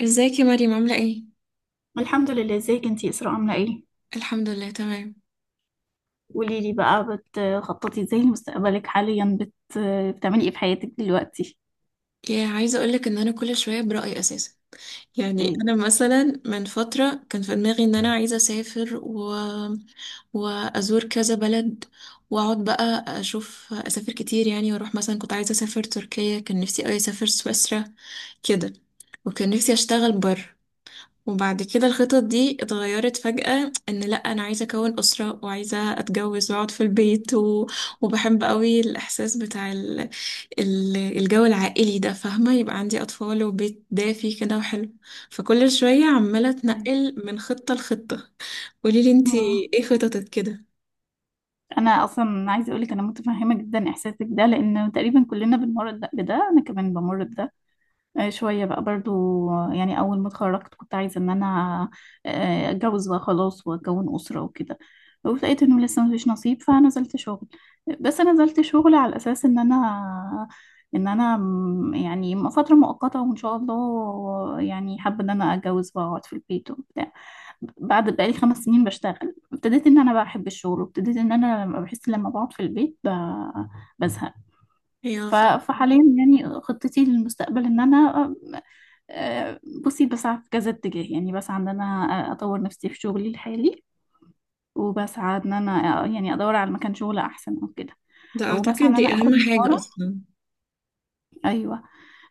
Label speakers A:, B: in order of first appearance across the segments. A: ازيك يا مريم، عاملة ايه؟
B: الحمد لله. ازيك انتي اسراء، عامله ايه؟
A: الحمد لله تمام.
B: قولي لي بقى، بتخططي ازاي لمستقبلك حاليا؟ بتعملي ايه في حياتك دلوقتي؟
A: يا عايزة اقولك ان انا كل شوية برأيي اساسا. يعني
B: ايه؟
A: انا مثلا من فترة كان في دماغي ان انا عايزة اسافر وازور كذا بلد، واقعد بقى اشوف اسافر كتير يعني، واروح مثلا كنت عايزة اسافر تركيا، كان نفسي اوي اسافر سويسرا كده. وكان نفسي اشتغل بره. وبعد كده الخطط دي اتغيرت فجأة، ان لا انا عايزة اكون اسرة وعايزة اتجوز واقعد في البيت، وبحب قوي الاحساس بتاع الجو العائلي ده، فاهمة، يبقى عندي أطفال وبيت دافي كده وحلو. فكل شوية عمالة
B: طيب.
A: أتنقل من خطة لخطة. قوليلي انتي
B: مم.
A: ايه خططك كده.
B: انا اصلا عايزه اقولك انا متفهمه جدا احساسك ده، لان تقريبا كلنا بنمر بده، انا كمان بمر بده. شوية بقى برضو. يعني أول ما اتخرجت كنت عايزة إن أنا أتجوز بقى خلاص وأكون أسرة وكده. ولقيت إنه لسه مفيش نصيب فنزلت شغل. بس أنا نزلت شغل على أساس إن أنا، إن أنا فترة مؤقتة، وإن شاء الله يعني حابة إن أنا أتجوز بقى وأقعد في البيت وبتاع. بعد بقالي 5 سنين بشتغل ابتديت إن أنا بحب الشغل، وابتديت إن أنا لما بحس لما بقعد في البيت بزهق.
A: ايوه
B: فحاليا يعني خطتي للمستقبل ان انا آه، بصي بسعى في كذا اتجاه. يعني بسعى ان انا اطور نفسي في شغلي الحالي، وبسعى ان انا يعني ادور على مكان شغل احسن او كده،
A: ده
B: وبسعى
A: أعتقد
B: ان
A: دي
B: انا
A: أهم
B: اخد
A: حاجة
B: مهارة.
A: أصلا.
B: ايوه،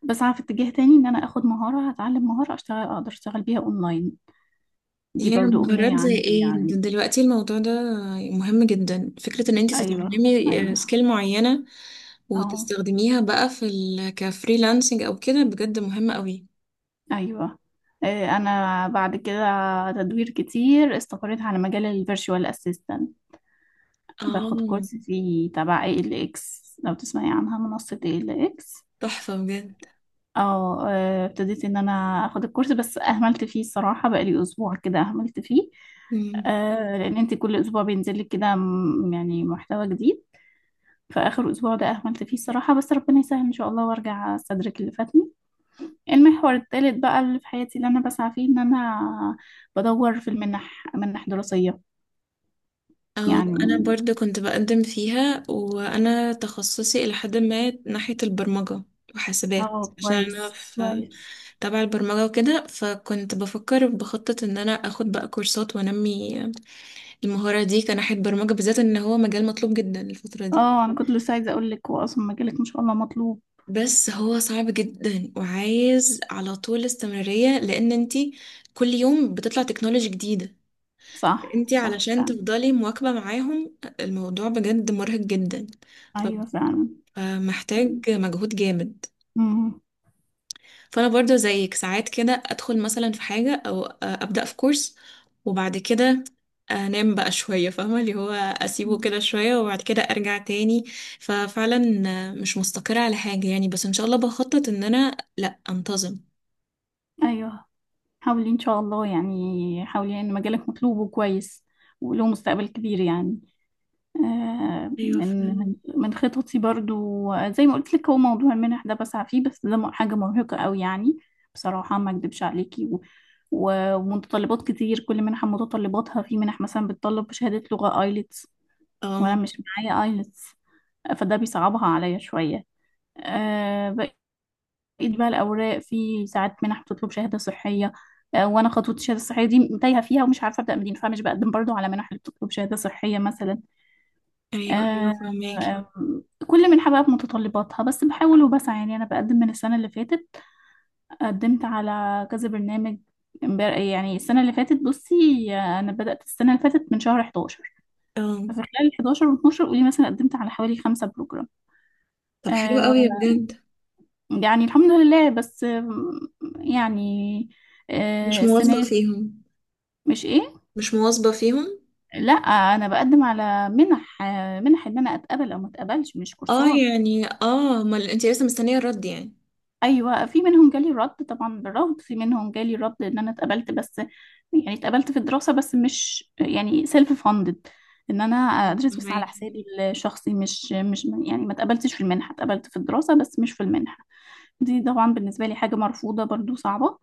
B: بسعى في اتجاه تاني ان انا اخد مهارة، هتعلم مهارة اشتغل اقدر اشتغل بيها اونلاين. دي
A: يا
B: برضو امنية
A: مهارات زي
B: عندي
A: ايه،
B: يعني.
A: دلوقتي الموضوع ده مهم جدا، فكرة ان انتي
B: ايوه.
A: تتعلمي
B: ايوه.
A: سكيل معينة
B: اه.
A: وتستخدميها بقى في كفريلانسنج او كده بجد مهمة قوي.
B: ايوه. انا بعد كده تدوير كتير استقريت على مجال الفيرتشوال اسيستنت. باخد
A: اه
B: كورس فيه تبع اي ال اكس، لو تسمعي عنها، منصة اي ال اكس.
A: تحفة
B: اه. ابتديت ان انا اخد الكورس بس اهملت فيه الصراحة، بقالي اسبوع كده اهملت فيه.
A: بجد.
B: آه، لان انت كل اسبوع بينزل لك كده يعني محتوى جديد. فاخر اسبوع ده اهملت فيه الصراحة، بس ربنا يسهل ان شاء الله وارجع استدرك اللي فاتني. المحور الثالث بقى اللي في حياتي اللي انا بسعى فيه ان انا بدور في المنح، منح دراسية.
A: اه، انا
B: يعني
A: برضو كنت بقدم فيها، وانا تخصصي الى حد ما ناحية البرمجة وحاسبات،
B: اه.
A: عشان انا
B: كويس
A: في
B: كويس.
A: تبع البرمجة وكده، فكنت بفكر بخطط ان انا اخد بقى كورسات وانمي المهارة دي كناحية برمجة بالذات، ان هو مجال مطلوب جدا الفترة دي.
B: اه، انا كنت لسه عايزه اقول لك هو اصلا مجالك ما شاء الله مطلوب.
A: بس هو صعب جدا، وعايز على طول استمرارية، لان انتي كل يوم بتطلع تكنولوجي جديدة.
B: صح
A: انتي
B: صح
A: علشان
B: فعلا.
A: تفضلي مواكبة معاهم، الموضوع بجد مرهق جدا.
B: ايوه فعلا.
A: محتاج مجهود جامد.
B: امم.
A: فانا برضو زيك ساعات كده ادخل مثلا في حاجه، او ابدا في كورس، وبعد كده انام بقى شويه، فاهمه، اللي هو اسيبه كده شويه وبعد كده ارجع تاني، ففعلا مش مستقره على حاجه يعني، بس ان شاء الله بخطط ان انا لا انتظم.
B: ايوه حاولي ان شاء الله، يعني حاولي، ان مجالك مطلوب وكويس وله مستقبل كبير يعني. آه،
A: ايوه
B: من
A: فعلا.
B: من من خططي برضو، زي ما قلت لك، هو موضوع المنح ده بسعى فيه، بس ده حاجه مرهقه قوي يعني. بصراحه ما اكدبش عليكي ومتطلبات كتير، كل منحه متطلباتها. في منح مثلا بتطلب شهاده لغه ايلتس، وانا
A: اه.
B: مش معايا ايلتس، فده بيصعبها عليا شوية. بقيت بقى الأوراق، في ساعات منح بتطلب شهادة صحية، وأنا خطوة الشهادة الصحية دي تايهة فيها ومش عارفة أبدأ منين، فمش بقدم برضو على منح اللي بتطلب شهادة صحية مثلا.
A: ايوه ايوه،
B: آه،
A: فهماكي.
B: آه، كل منحة بقى بمتطلباتها، بس بحاول وبسعى. يعني أنا بقدم من السنة اللي فاتت، قدمت على كذا برنامج. يعني السنة اللي فاتت بصي، أنا بدأت السنة اللي فاتت من شهر 11.
A: اه.
B: ففي خلال 11 و 12 قولي مثلا قدمت على حوالي 5 بروجرام.
A: طب حلو
B: آه،
A: قوي، يا بجد.
B: يعني الحمد لله، بس يعني
A: مش
B: آه،
A: مواظبه
B: السنة دي-
A: فيهم.
B: مش ايه؟
A: مش مواظبه فيهم.
B: لا انا بقدم على منح، منح ان انا اتقبل او ما اتقبلش، مش
A: اه،
B: كورسات.
A: يعني اه، ما انت لسه مستنيه الرد يعني.
B: ايوه، في منهم جالي رد طبعا بالرفض، في منهم جالي رد ان انا اتقبلت بس يعني اتقبلت في الدراسة، بس مش يعني سيلف فاندد، ان انا ادرس بس على
A: فهماكي.
B: حسابي الشخصي. مش يعني ما اتقبلتش في المنحة، اتقبلت في الدراسة بس مش في المنحة. دي طبعا بالنسبة لي حاجة مرفوضة، برضو صعبة.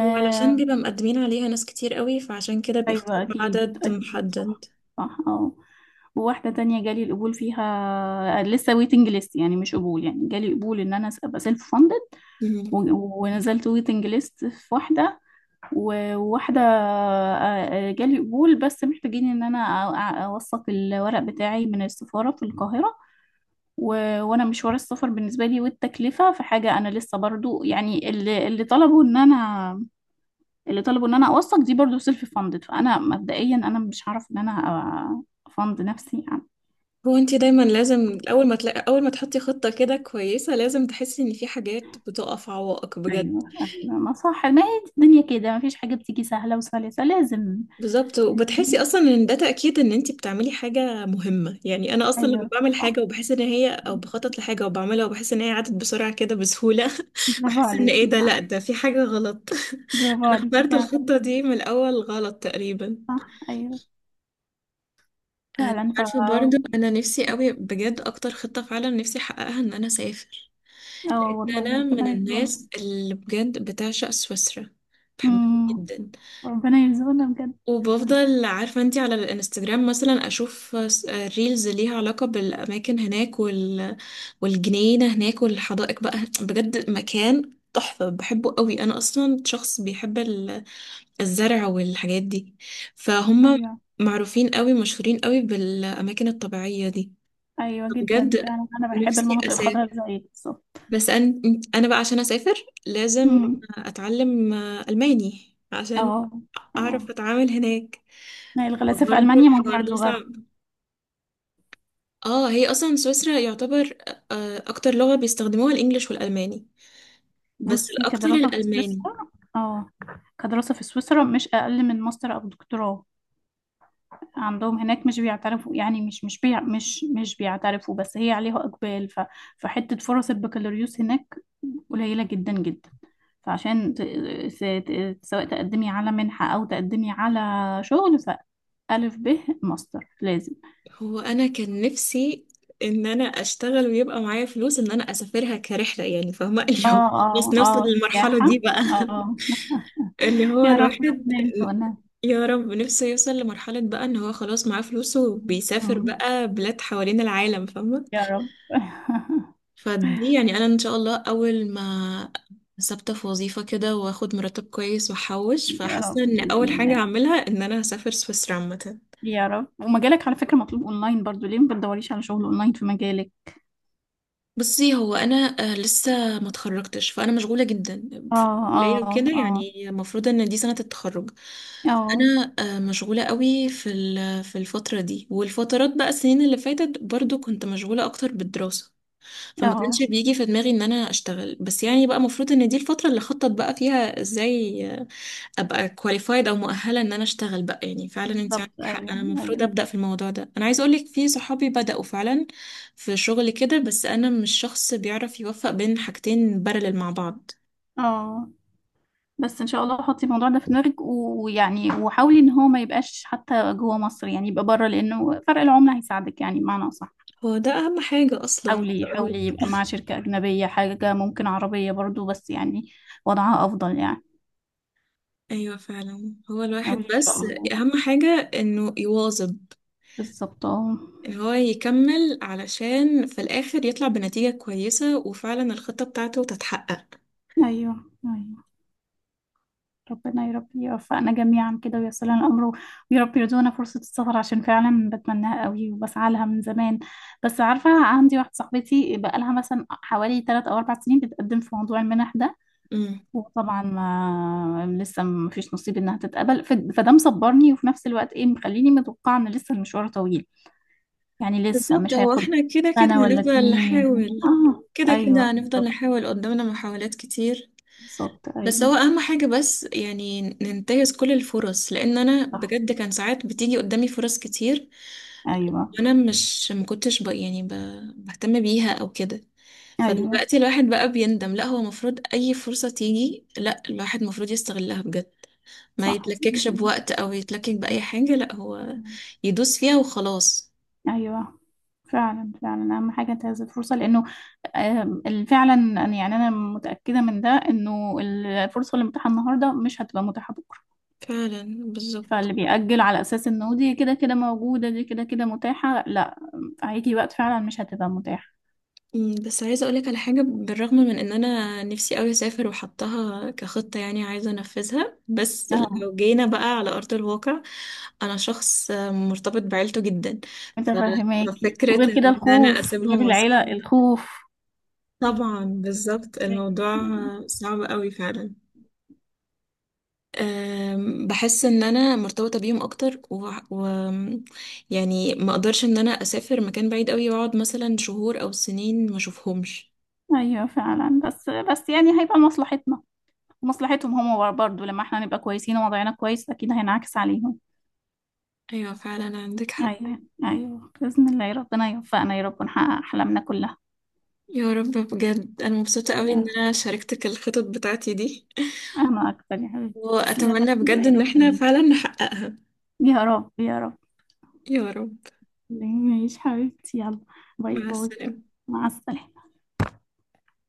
A: وعلشان بيبقى مقدمين عليها ناس كتير قوي، فعشان كده
B: أيوة
A: بيختاروا
B: أكيد
A: عدد
B: أكيد. صح
A: محدد.
B: صح اه. وواحدة تانية جالي القبول فيها لسه ويتنج ليست، يعني مش قبول، يعني جالي قبول إن أنا أبقى سيلف فاندد
A: مم.
B: ونزلت ويتنج ليست في واحدة. وواحدة جالي قبول بس محتاجين إن أنا أوثق الورق بتاعي من السفارة في القاهرة. وأنا مشوار السفر بالنسبة لي والتكلفة فحاجة، أنا لسه برضو يعني اللي طلبوا إن أنا، اللي طلبوا ان انا اوثق دي برضو سيلف فاندد، فانا مبدئيا انا مش هعرف ان انا أ- افند نفسي يعني.
A: هو انت دايما لازم، اول ما تحطي خطة كده كويسة، لازم تحسي ان في حاجات بتقف عوائق بجد.
B: ايوه ايوه ما صح، ما هي الدنيا كده، ما فيش حاجه بتيجي سهله وسلسه، لازم.
A: بالظبط، وبتحسي اصلا ان ده تأكيد ان انت بتعملي حاجة مهمة، يعني انا اصلا لما
B: ايوه
A: بعمل
B: صح.
A: حاجة وبحس ان هي، او بخطط لحاجة وبعملها وبحس ان هي عدت بسرعة كده بسهولة
B: برافو
A: بحس ان ايه
B: عليكي
A: ده، لا
B: صح.
A: ده في حاجة غلط
B: برافو
A: انا
B: عليكي
A: اخترت
B: فعلا.
A: الخطة دي من الاول غلط تقريبا.
B: صح ايوه فعلا، ف.
A: عارفة، برضو أنا نفسي قوي بجد، أكتر خطة فعلا نفسي أحققها إن أنا أسافر.
B: اه
A: لأن
B: والله
A: أنا من
B: ربنا يرزقنا.
A: الناس اللي بجد بتعشق سويسرا، بحبها
B: امم.
A: جدا.
B: ربنا يرزقنا بجد.
A: وبفضل، عارفة أنتي، على الانستجرام مثلا أشوف ريلز ليها علاقة بالأماكن هناك والجنينة هناك والحدائق، بقى بجد مكان تحفة بحبه قوي. أنا أصلا شخص بيحب الزرع والحاجات دي، فهم
B: ايوه،
A: معروفين قوي، مشهورين قوي بالأماكن الطبيعية دي.
B: ايوه جدا
A: بجد
B: فعلا، انا بحب
A: نفسي
B: المناطق
A: أسافر.
B: الخضراء زيك بالظبط.
A: بس أنا بقى عشان أسافر لازم
B: امم.
A: أتعلم ألماني عشان
B: اه
A: أعرف
B: اه،
A: أتعامل هناك.
B: هي الغلاسه في
A: برضه
B: المانيا
A: الحوار
B: موضوع
A: ده
B: اللغه.
A: صعب. اه، هي أصلا سويسرا يعتبر أكتر لغة بيستخدموها الإنجليش والألماني، بس
B: بصي
A: الأكتر
B: كدراسة في
A: الألماني.
B: سويسرا. اه، كدراسة في سويسرا مش أقل من ماستر أو دكتوراه عندهم هناك. مش بيعترفوا، يعني مش بيعترفوا، بس هي عليها إقبال. ف فحتة فرص البكالوريوس هناك قليلة جدا جدا. فعشان ت... س- ت- سواء تقدمي على منحة أو تقدمي على شغل، ف ألف ب ماستر لازم.
A: هو أنا كان نفسي إن أنا أشتغل ويبقى معايا فلوس إن أنا أسافرها كرحلة يعني، فاهمة،
B: اه
A: اليوم بس
B: اه
A: نوصل
B: اه،
A: للمرحلة
B: سياحة.
A: دي بقى،
B: اه
A: اللي هو
B: يا رب ربنا
A: الواحد
B: يرزقنا.
A: يا رب نفسه يوصل لمرحلة بقى ان هو خلاص معاه فلوسه وبيسافر
B: مم.
A: بقى بلاد حوالين العالم، فاهمة.
B: يا رب
A: فدي يعني انا ان شاء الله اول ما ثابتة في وظيفة كده واخد مرتب كويس واحوش،
B: يا رب
A: فحاسة ان اول
B: بإذن
A: حاجة
B: الله.
A: اعملها ان انا هسافر سويسرا عامة.
B: يا رب. ومجالك على فكرة مطلوب أونلاين برضو، ليه ما بتدوريش على شغل أونلاين في مجالك؟
A: بصي، هو انا لسه ما اتخرجتش، فانا مشغوله جدا
B: اه.
A: في الكليه
B: اه.
A: وكده،
B: اه.
A: يعني المفروض ان دي سنه التخرج.
B: اه.
A: انا مشغوله قوي في في الفتره دي، والفترات بقى السنين اللي فاتت برضو كنت مشغوله اكتر بالدراسه. فما
B: اه.
A: كانش بيجي في دماغي ان انا اشتغل، بس يعني بقى المفروض ان دي الفتره اللي خطط بقى فيها ازاي ابقى كواليفايد او مؤهله ان انا اشتغل بقى. يعني فعلا انت عندك
B: بالظبط
A: حق،
B: أيوه
A: انا المفروض
B: أيوه.
A: ابدا في الموضوع ده، انا عايزه اقولك في صحابي بداوا فعلا في شغل كده، بس انا مش شخص بيعرف يوفق بين حاجتين بارلل مع بعض.
B: اه. بس إن شاء الله حطي الموضوع ده في دماغك، ويعني وحاولي إن هو ما يبقاش حتى جوه مصر، يعني يبقى بره، لأنه فرق العملة هيساعدك، يعني بمعنى أصح
A: هو ده اهم حاجه اصلا عايزة
B: حاولي. حاولي
A: أقولك.
B: يبقى مع شركة أجنبية، حاجة ممكن عربية برضو بس يعني وضعها أفضل يعني.
A: ايوه فعلا، هو الواحد
B: حاولي إن شاء
A: بس
B: الله.
A: اهم حاجه انه يواظب،
B: بالظبط اه.
A: ان هو يكمل علشان في الاخر يطلع بنتيجه كويسه وفعلا الخطه بتاعته تتحقق.
B: أيوه أيوه. ربنا يا رب يوفقنا جميعا كده وييسر لنا الامر، ويا رب يرزقنا فرصه السفر عشان فعلا بتمناها قوي وبسعى لها من زمان. بس عارفه، عندي واحده صاحبتي بقى لها مثلا حوالي 3 او 4 سنين بتقدم في موضوع المنح ده، وطبعا ما لسه ما فيش نصيب انها تتقبل. فده مصبرني، وفي نفس الوقت ايه مخليني متوقعه ان لسه المشوار طويل، يعني لسه
A: بالظبط،
B: مش
A: هو
B: هياخد
A: احنا كده كده
B: سنه ولا
A: هنفضل
B: اتنين
A: نحاول،
B: اه.
A: كده
B: ايوه
A: كده هنفضل
B: بالظبط.
A: نحاول، قدامنا محاولات كتير.
B: بالظبط
A: بس هو
B: ايوه.
A: اهم حاجة، بس يعني ننتهز كل الفرص، لان انا
B: صح
A: بجد كان ساعات بتيجي قدامي فرص كتير،
B: ايوه.
A: وانا مش مكنتش يعني بهتم بيها او كده.
B: ايوه
A: فدلوقتي الواحد بقى بيندم، لا هو المفروض اي فرصة تيجي، لا الواحد المفروض يستغلها بجد، ما
B: صح.
A: يتلككش بوقت او يتلكك بأي حاجة، لا هو يدوس فيها وخلاص.
B: ايوه فعلا فعلا، اهم حاجه انتهاز الفرصه لانه فعلا يعني انا متاكده من ده، انه الفرصه اللي متاحه النهارده مش هتبقى متاحه بكره.
A: فعلا، بالظبط.
B: فاللي بيأجل على اساس انه دي كده كده موجوده، دي كده كده متاحه، لا، هيجي وقت فعلا مش هتبقى متاحه.
A: بس عايزة أقولك على حاجة، بالرغم من إن أنا نفسي أوي أسافر وحطها كخطة يعني عايزة أنفذها، بس
B: اه
A: لو جينا بقى على أرض الواقع أنا شخص مرتبط بعيلته جدا، ف-
B: متفهماكي، وغير
A: ففكرة
B: كده
A: إن أنا
B: الخوف،
A: أسيبهم
B: غير العيله
A: وأسافر،
B: الخوف.
A: طبعا بالظبط الموضوع
B: ايوه
A: صعب أوي فعلا. بحس ان انا مرتبطه بيهم اكتر يعني ما اقدرش ان انا اسافر مكان بعيد قوي واقعد مثلا شهور او سنين ما اشوفهمش.
B: ايوه فعلا، بس بس يعني هيبقى لمصلحتنا ومصلحتهم هم برضه، لما احنا نبقى كويسين ووضعنا كويس اكيد هينعكس عليهم.
A: ايوه فعلا، عندك حق.
B: أيوه أيوه بإذن الله، يا ربنا يوفقنا يا رب ونحقق أحلامنا كلها.
A: يا رب، بجد انا مبسوطة قوي
B: يا
A: ان
B: رب.
A: انا شاركتك الخطط بتاعتي دي،
B: أنا أكتر يا حبيبتي، تسلم.
A: واتمنى بجد
B: يا
A: ان احنا
B: رب
A: فعلا نحققها.
B: يا رب يا رب.
A: يا رب.
B: ماشي حبيبتي، يلا باي
A: مع
B: باي.
A: السلامة.
B: مع السلامة.